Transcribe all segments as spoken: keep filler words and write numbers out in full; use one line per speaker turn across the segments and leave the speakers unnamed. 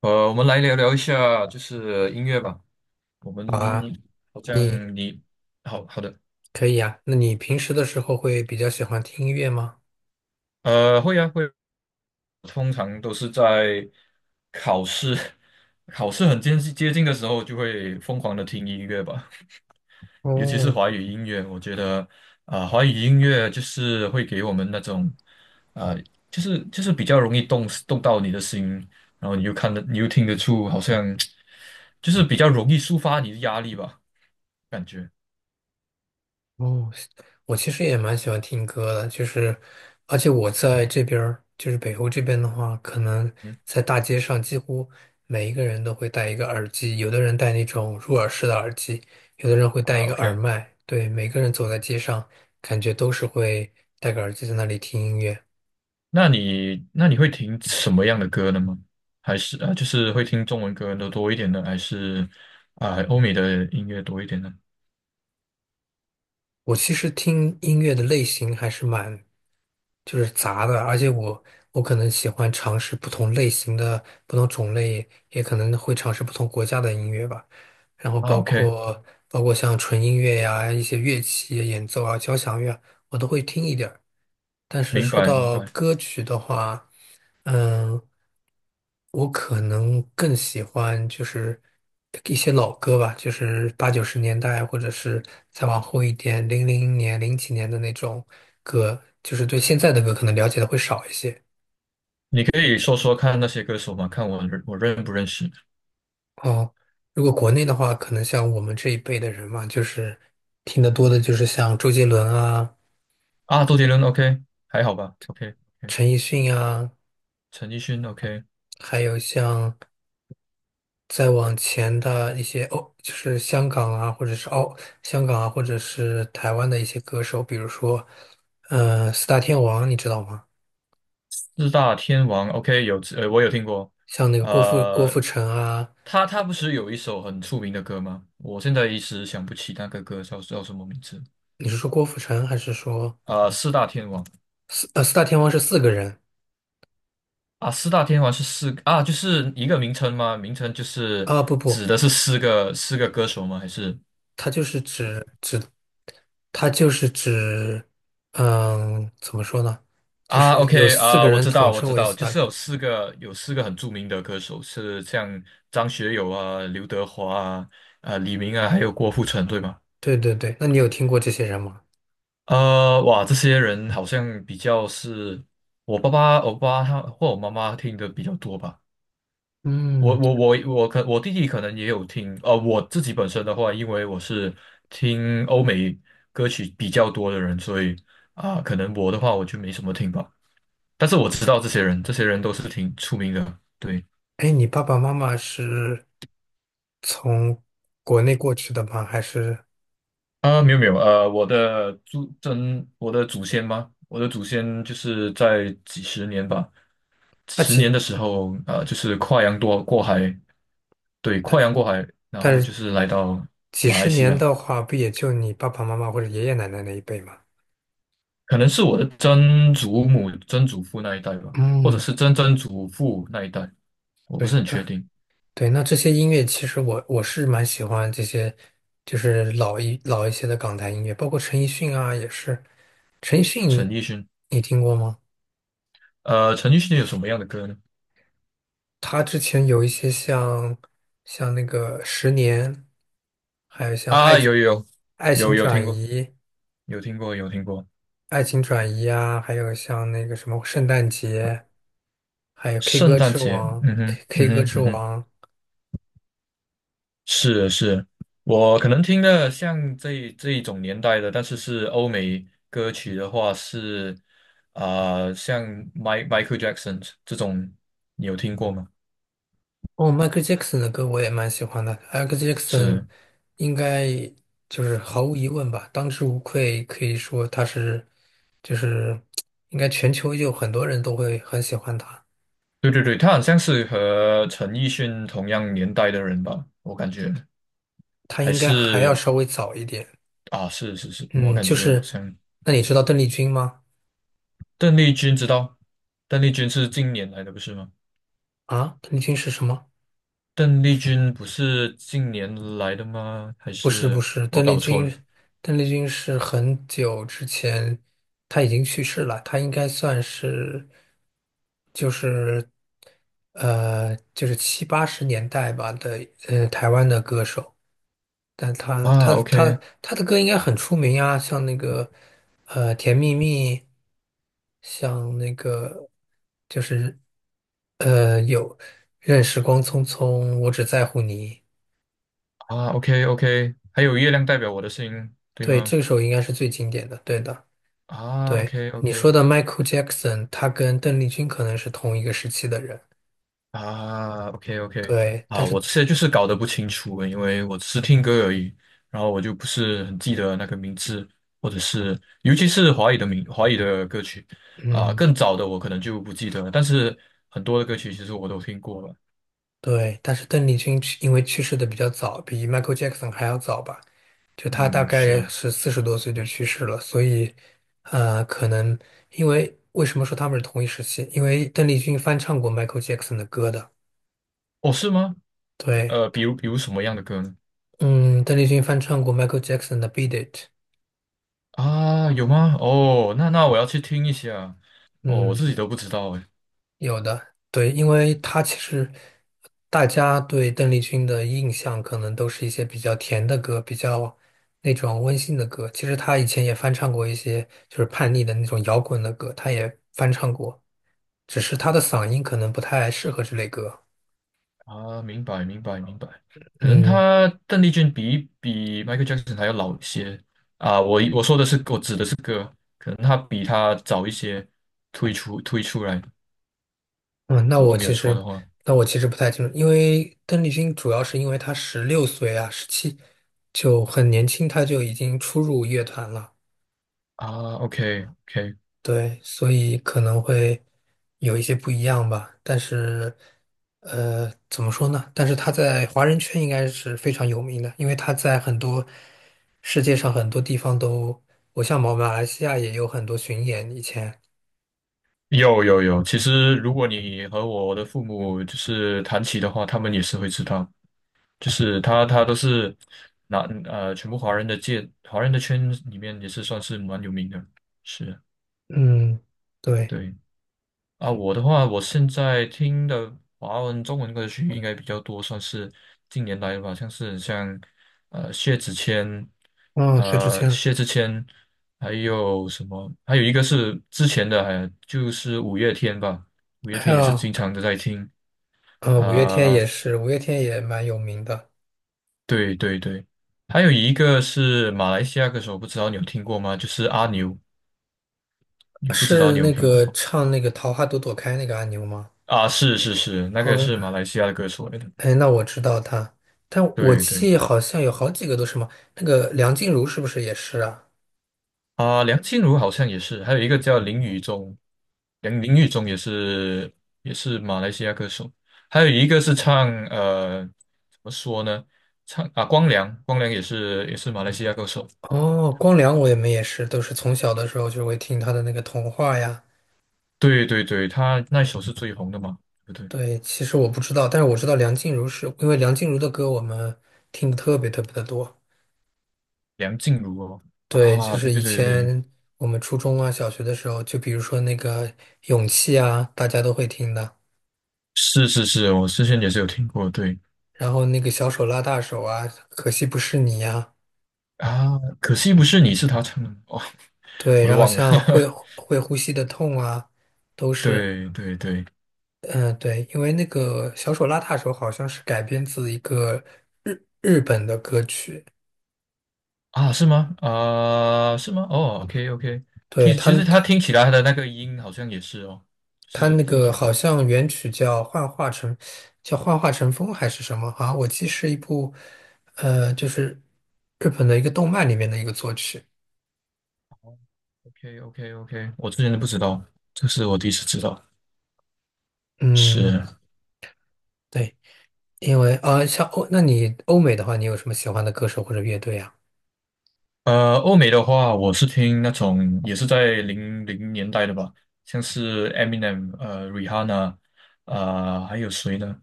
呃，我们来聊聊一下，就是音乐吧。我们
好啊，
好
你
像你好好的，
可以啊。那你平时的时候会比较喜欢听音乐吗？
呃，会啊会啊，通常都是在考试 考试很接近接近的时候，就会疯狂的听音乐吧。尤其是
哦
华语音乐，我觉得啊、华语音乐就是会给我们那种啊、就是就是比较容易动动到你的心，然后你又看得，你又听得出，好像 就是比较容易抒发你的压力吧，感觉。
哦，我其实也蛮喜欢听歌的，就是，而且我在这边儿，就是北欧这边的话，可能
嗯。
在大街上几乎每一个人都会戴一个耳机，有的人戴那种入耳式的耳机，有的人会戴
啊
一个耳
，OK，
麦。对，每个人走在街上，感觉都是会戴个耳机在那里听音乐。
那你那你会听什么样的歌呢吗？还是啊，呃就是会听中文歌的多一点呢，还是啊欧美的音乐多一点呢？
我其实听音乐的类型还是蛮就是杂的，而且我我可能喜欢尝试不同类型的、不同种类，也可能会尝试不同国家的音乐吧。然后
啊
包
，OK，
括包括像纯音乐呀、一些乐器演奏啊、交响乐啊，我都会听一点儿。但是
明
说
白明
到
白。
歌曲的话，嗯，我可能更喜欢就是一些老歌吧，就是八九十年代，或者是再往后一点，零零年、零几年的那种歌，就是对现在的歌可能了解的会少一些。
你可以说说看那些歌手吗？看我认我认不认识？
哦，如果国内的话，可能像我们这一辈的人嘛，就是听得多的就是像周杰伦啊、
啊？周杰伦，OK，还好吧？OK。 OK，
陈奕迅啊，
陈奕迅，OK，
还有像。再往前的一些哦，就是香港啊，或者是澳、香港啊，或者是台湾的一些歌手。比如说，呃，四大天王，你知道吗？
四大天王，OK，有，呃我有听过。
像那个郭富郭富
呃，
城啊。
他他不是有一首很出名的歌吗？我现在一时想不起那个歌叫叫什么名字。
你是说郭富城还是说
啊？四大天王
四呃四大天王是四个人
啊，四大天王是四啊，就是一个名称吗？名称就是
啊？不不，
指的是四个四个歌手吗？还是？
他就是指指他就是指，嗯，怎么说呢？就
啊
是有
？OK
四个
啊，我
人
知
统
道，我
称
知
为
道，
四
就
大。
是有四个有四个很著名的歌手，是像张学友啊、刘德华啊、啊李明啊，还有郭富城，对吗？
对对对，那你有听过这些人吗？
呃，哇，这些人好像比较是我爸爸、我爸爸他或我妈妈听的比较多吧。我
嗯。
我我我可我弟弟可能也有听，呃，我自己本身的话，因为我是听欧美歌曲比较多的人，所以啊，可能我的话我就没什么听吧。但是我知道这些人，这些人都是挺出名的。对
哎，你爸爸妈妈是从国内过去的吗？还是
啊，没有没有，呃，我的祖真，我的祖先吗？我的祖先就是在几十年吧，
那
十年
几，
的时候，呃，就是跨洋多过海，对，跨洋过海，然
但
后就
是
是来到
几
马来
十
西
年
亚。
的话，不也就你爸爸妈妈或者爷爷奶奶那一辈吗？
可能是我的曾祖母、曾祖父那一代吧，或者
嗯，
是曾曾祖父那一代，我不
对，
是很确
那
定。
对，那这些音乐其实我我是蛮喜欢这些，就是老一老一些的港台音乐，包括陈奕迅啊，也是。陈奕
陈
迅，
奕迅，
你听过吗？
呃，陈奕迅有什么样的歌呢？
他之前有一些像像那个《十年》，还有像爱
啊，有有
《爱情
有有有
转
听过，
移》。
有听过，有听过。
《爱情转移》啊，还有像那个什么《圣诞节》，还有《K
圣
歌
诞
之
节，
王》
嗯哼，
K
嗯
K 歌
哼，
之
嗯哼，
王。
是的是的，我可能听的像这这一种年代的，但是是欧美歌曲的话是，啊、像 m i Michael Jackson 这种，你有听过吗？
哦，迈克 c h a e 的歌我也蛮喜欢的。m 克 c h a e
是。
应该就是毫无疑问吧，当之无愧，可以说他是就是应该全球有很多人都会很喜欢他。
对对对，他好像是和陈奕迅同样年代的人吧，我感觉
他
还
应该还要
是
稍微早一点。
啊，是是是，我
嗯，
感
就
觉好
是，
像
那你知道邓丽君吗？
邓丽君知道，邓丽君是近年来的，不是吗？
啊，邓丽君是什么？
邓丽君不是近年来的吗？还
不是不
是
是，
我
邓丽
搞错了？
君，邓丽君是很久之前，她已经去世了，她应该算是，就是，呃，就是七八十年代吧的，呃，台湾的歌手。但她
啊
她
？OK。
她她的歌应该很出名啊，像那个，呃，《甜蜜蜜》，像那个就是呃有《任时光匆匆》，我只在乎你。
啊，OK OK，还有月亮代表我的心，对
对，
吗？
这首应该是最经典的，对的。
啊
对，
，OK
你
OK。
说的 Michael Jackson,他跟邓丽君可能是同一个时期的人。
啊，OK OK。
对，但
啊，
是，
我现在就是搞得不清楚，因为我只是听歌而已，然后我就不是很记得那个名字，或者是尤其是华语的名华语的歌曲啊，
嗯，
更早的我可能就不记得了，但是很多的歌曲其实我都听过了。
对，但是邓丽君去因为去世的比较早，比 Michael Jackson 还要早吧？就他大
嗯，
概
是，
是四十多岁就去世了，所以，呃，可能因为为什么说他们是同一时期？因为邓丽君翻唱过 Michael Jackson 的歌的。
哦，是吗？
对。
呃，比如比如什么样的歌呢？
嗯，邓丽君翻唱过 Michael Jackson 的《Beat It》。
啊，有吗？哦，那那我要去听一下。哦，我
嗯，
自己都不知道哎。
有的，对，因为他其实大家对邓丽君的印象可能都是一些比较甜的歌，比较那种温馨的歌。其实他以前也翻唱过一些就是叛逆的那种摇滚的歌，他也翻唱过，只是他的嗓音可能不太适合这类歌。
啊，明白明白明白，可能
嗯。
他邓丽君比比 Michael Jackson 还要老一些啊。我我说的是我指的是歌，可能他比他早一些推出推出来，
嗯，那
如果
我
没有
其
错
实
的话。
那我其实不太清楚，因为邓丽君主要是因为她十六岁啊，十七，就很年轻，她就已经初入乐团了。
啊，OK OK，
对，所以可能会有一些不一样吧。但是，呃，怎么说呢？但是他在华人圈应该是非常有名的，因为他在很多，世界上很多地方都，我像马来西亚也有很多巡演以前。
有有有，其实如果你和我的父母就是谈起的话，他们也是会知道，就是他他都是拿呃全部华人的界华人的圈里面也是算是蛮有名的，是
嗯，对。
对。啊，我的话，我现在听的华文、中文歌曲应该比较多，算是近年来的吧，像是像呃薛之谦，
嗯，薛之
呃
谦。
薛之谦，还有什么？还有一个是之前的，还就是五月天吧，五月
还
天也是经
有，
常的在听
呃，五月天
啊、
也是，五月天也蛮有名的。
对对对，还有一个是马来西亚歌手，不知道你有听过吗？就是阿牛，你不知道
是
你有
那
听过
个
吗？
唱那个《桃花朵朵开》那个阿牛吗？
啊？是是是，那个是马
嗯。
来西亚的歌手来的，
哎，那我知道他，但我
对对。
记好像有好几个都是嘛。那个梁静茹是不是也是啊？
啊，梁静茹好像也是，还有一个叫林宇中，梁林宇中也是也是马来西亚歌手，还有一个是唱，呃怎么说呢，唱啊光良，光良也是也是马来西亚歌手，
哦，光良我也没也是，都是从小的时候就会听他的那个童话呀。
对对对，他那首是最红的嘛，对不对？
对，其实我不知道，但是我知道梁静茹是因为梁静茹的歌我们听的特别特别的多。
梁静茹哦，
对，就
啊对
是以
对对对，
前我们初中啊、小学的时候，就比如说那个《勇气》啊，大家都会听的。
是是是，我之前也是有听过，对
然后那个小手拉大手啊，可惜不是你呀、啊
啊，可惜不是你是他唱的哦，
对。
我都
然后
忘了，
像会会呼吸的痛啊，都 是，
对对对，
嗯，对。因为那个小手拉大手好像是改编自一个日日本的歌曲，
啊，是吗？啊、是吗？哦，OK，OK，听，
对，他
其实它
他
听起来它的那个音好像也是哦，就
他
是
那
听
个
起来
好像原曲叫《幻化成》，叫《幻化成风》还是什么？好像我记是一部，呃，就是日本的一个动漫里面的一个作曲。
，OK，OK，OK，我之前都不知道，这是我第一次知道。
嗯，
是，
对。因为啊，像欧，那你欧美的话，你有什么喜欢的歌手或者乐队啊？
呃，欧美的话，我是听那种也是在零零年代的吧，像是 Eminem，呃，Rihanna，呃，还有谁呢？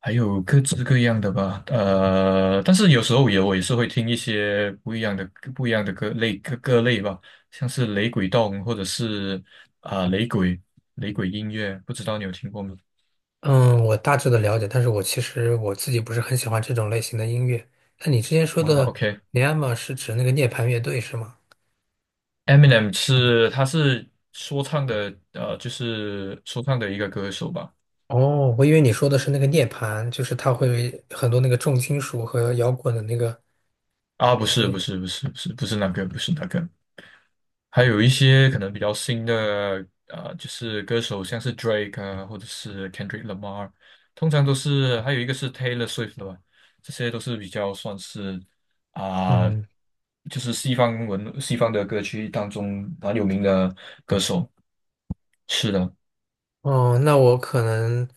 还有各式各样的吧，呃，但是有时候也我也是会听一些不一样的不一样的歌类各各类吧，像是雷鬼动或者是啊、雷鬼雷鬼音乐，不知道你有听过吗？
嗯，我大致的了解，但是我其实我自己不是很喜欢这种类型的音乐。那你之前说
啊
的尼亚玛是指那个涅槃乐队是吗？
，OK，Eminem 是他是说唱的，呃，就是说唱的一个歌手吧？
哦，我以为你说的是那个涅槃，就是它会很多那个重金属和摇滚的那个
啊，不
乐
是不
队。
是不是不是不是那个不是那个，还有一些可能比较新的，呃，就是歌手，像是 Drake 啊，或者是 Kendrick Lamar，通常都是，还有一个是 Taylor Swift 的吧，这些都是比较算是啊、
嗯。
就是西方文西方的歌曲当中蛮有名的歌手。是的，
哦，那我可能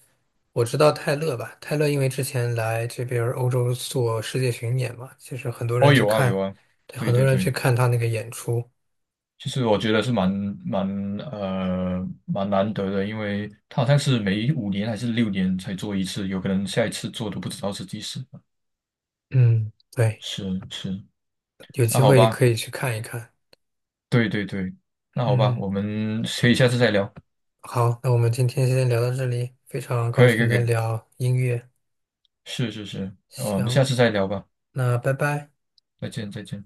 我知道泰勒吧。泰勒因为之前来这边儿欧洲做世界巡演嘛，其实很多人
哦，
去
有啊，有
看，
啊，
对，
对
很多
对
人去
对，
看他那个演出。
其实我觉得是蛮蛮呃蛮难得的，因为他好像是每五年还是六年才做一次，有可能下一次做都不知道是几时。
嗯，对，
是是。
有
那
机
好
会
吧，
可以去看一看。
对对对，那好吧，
嗯。
我们可以下次再聊，
好，那我们今天先聊到这里，非常高
可以可
兴
以可
能
以，
聊音乐。
是是是，呃我们下
行，
次再聊吧，
那拜拜。
再见再见。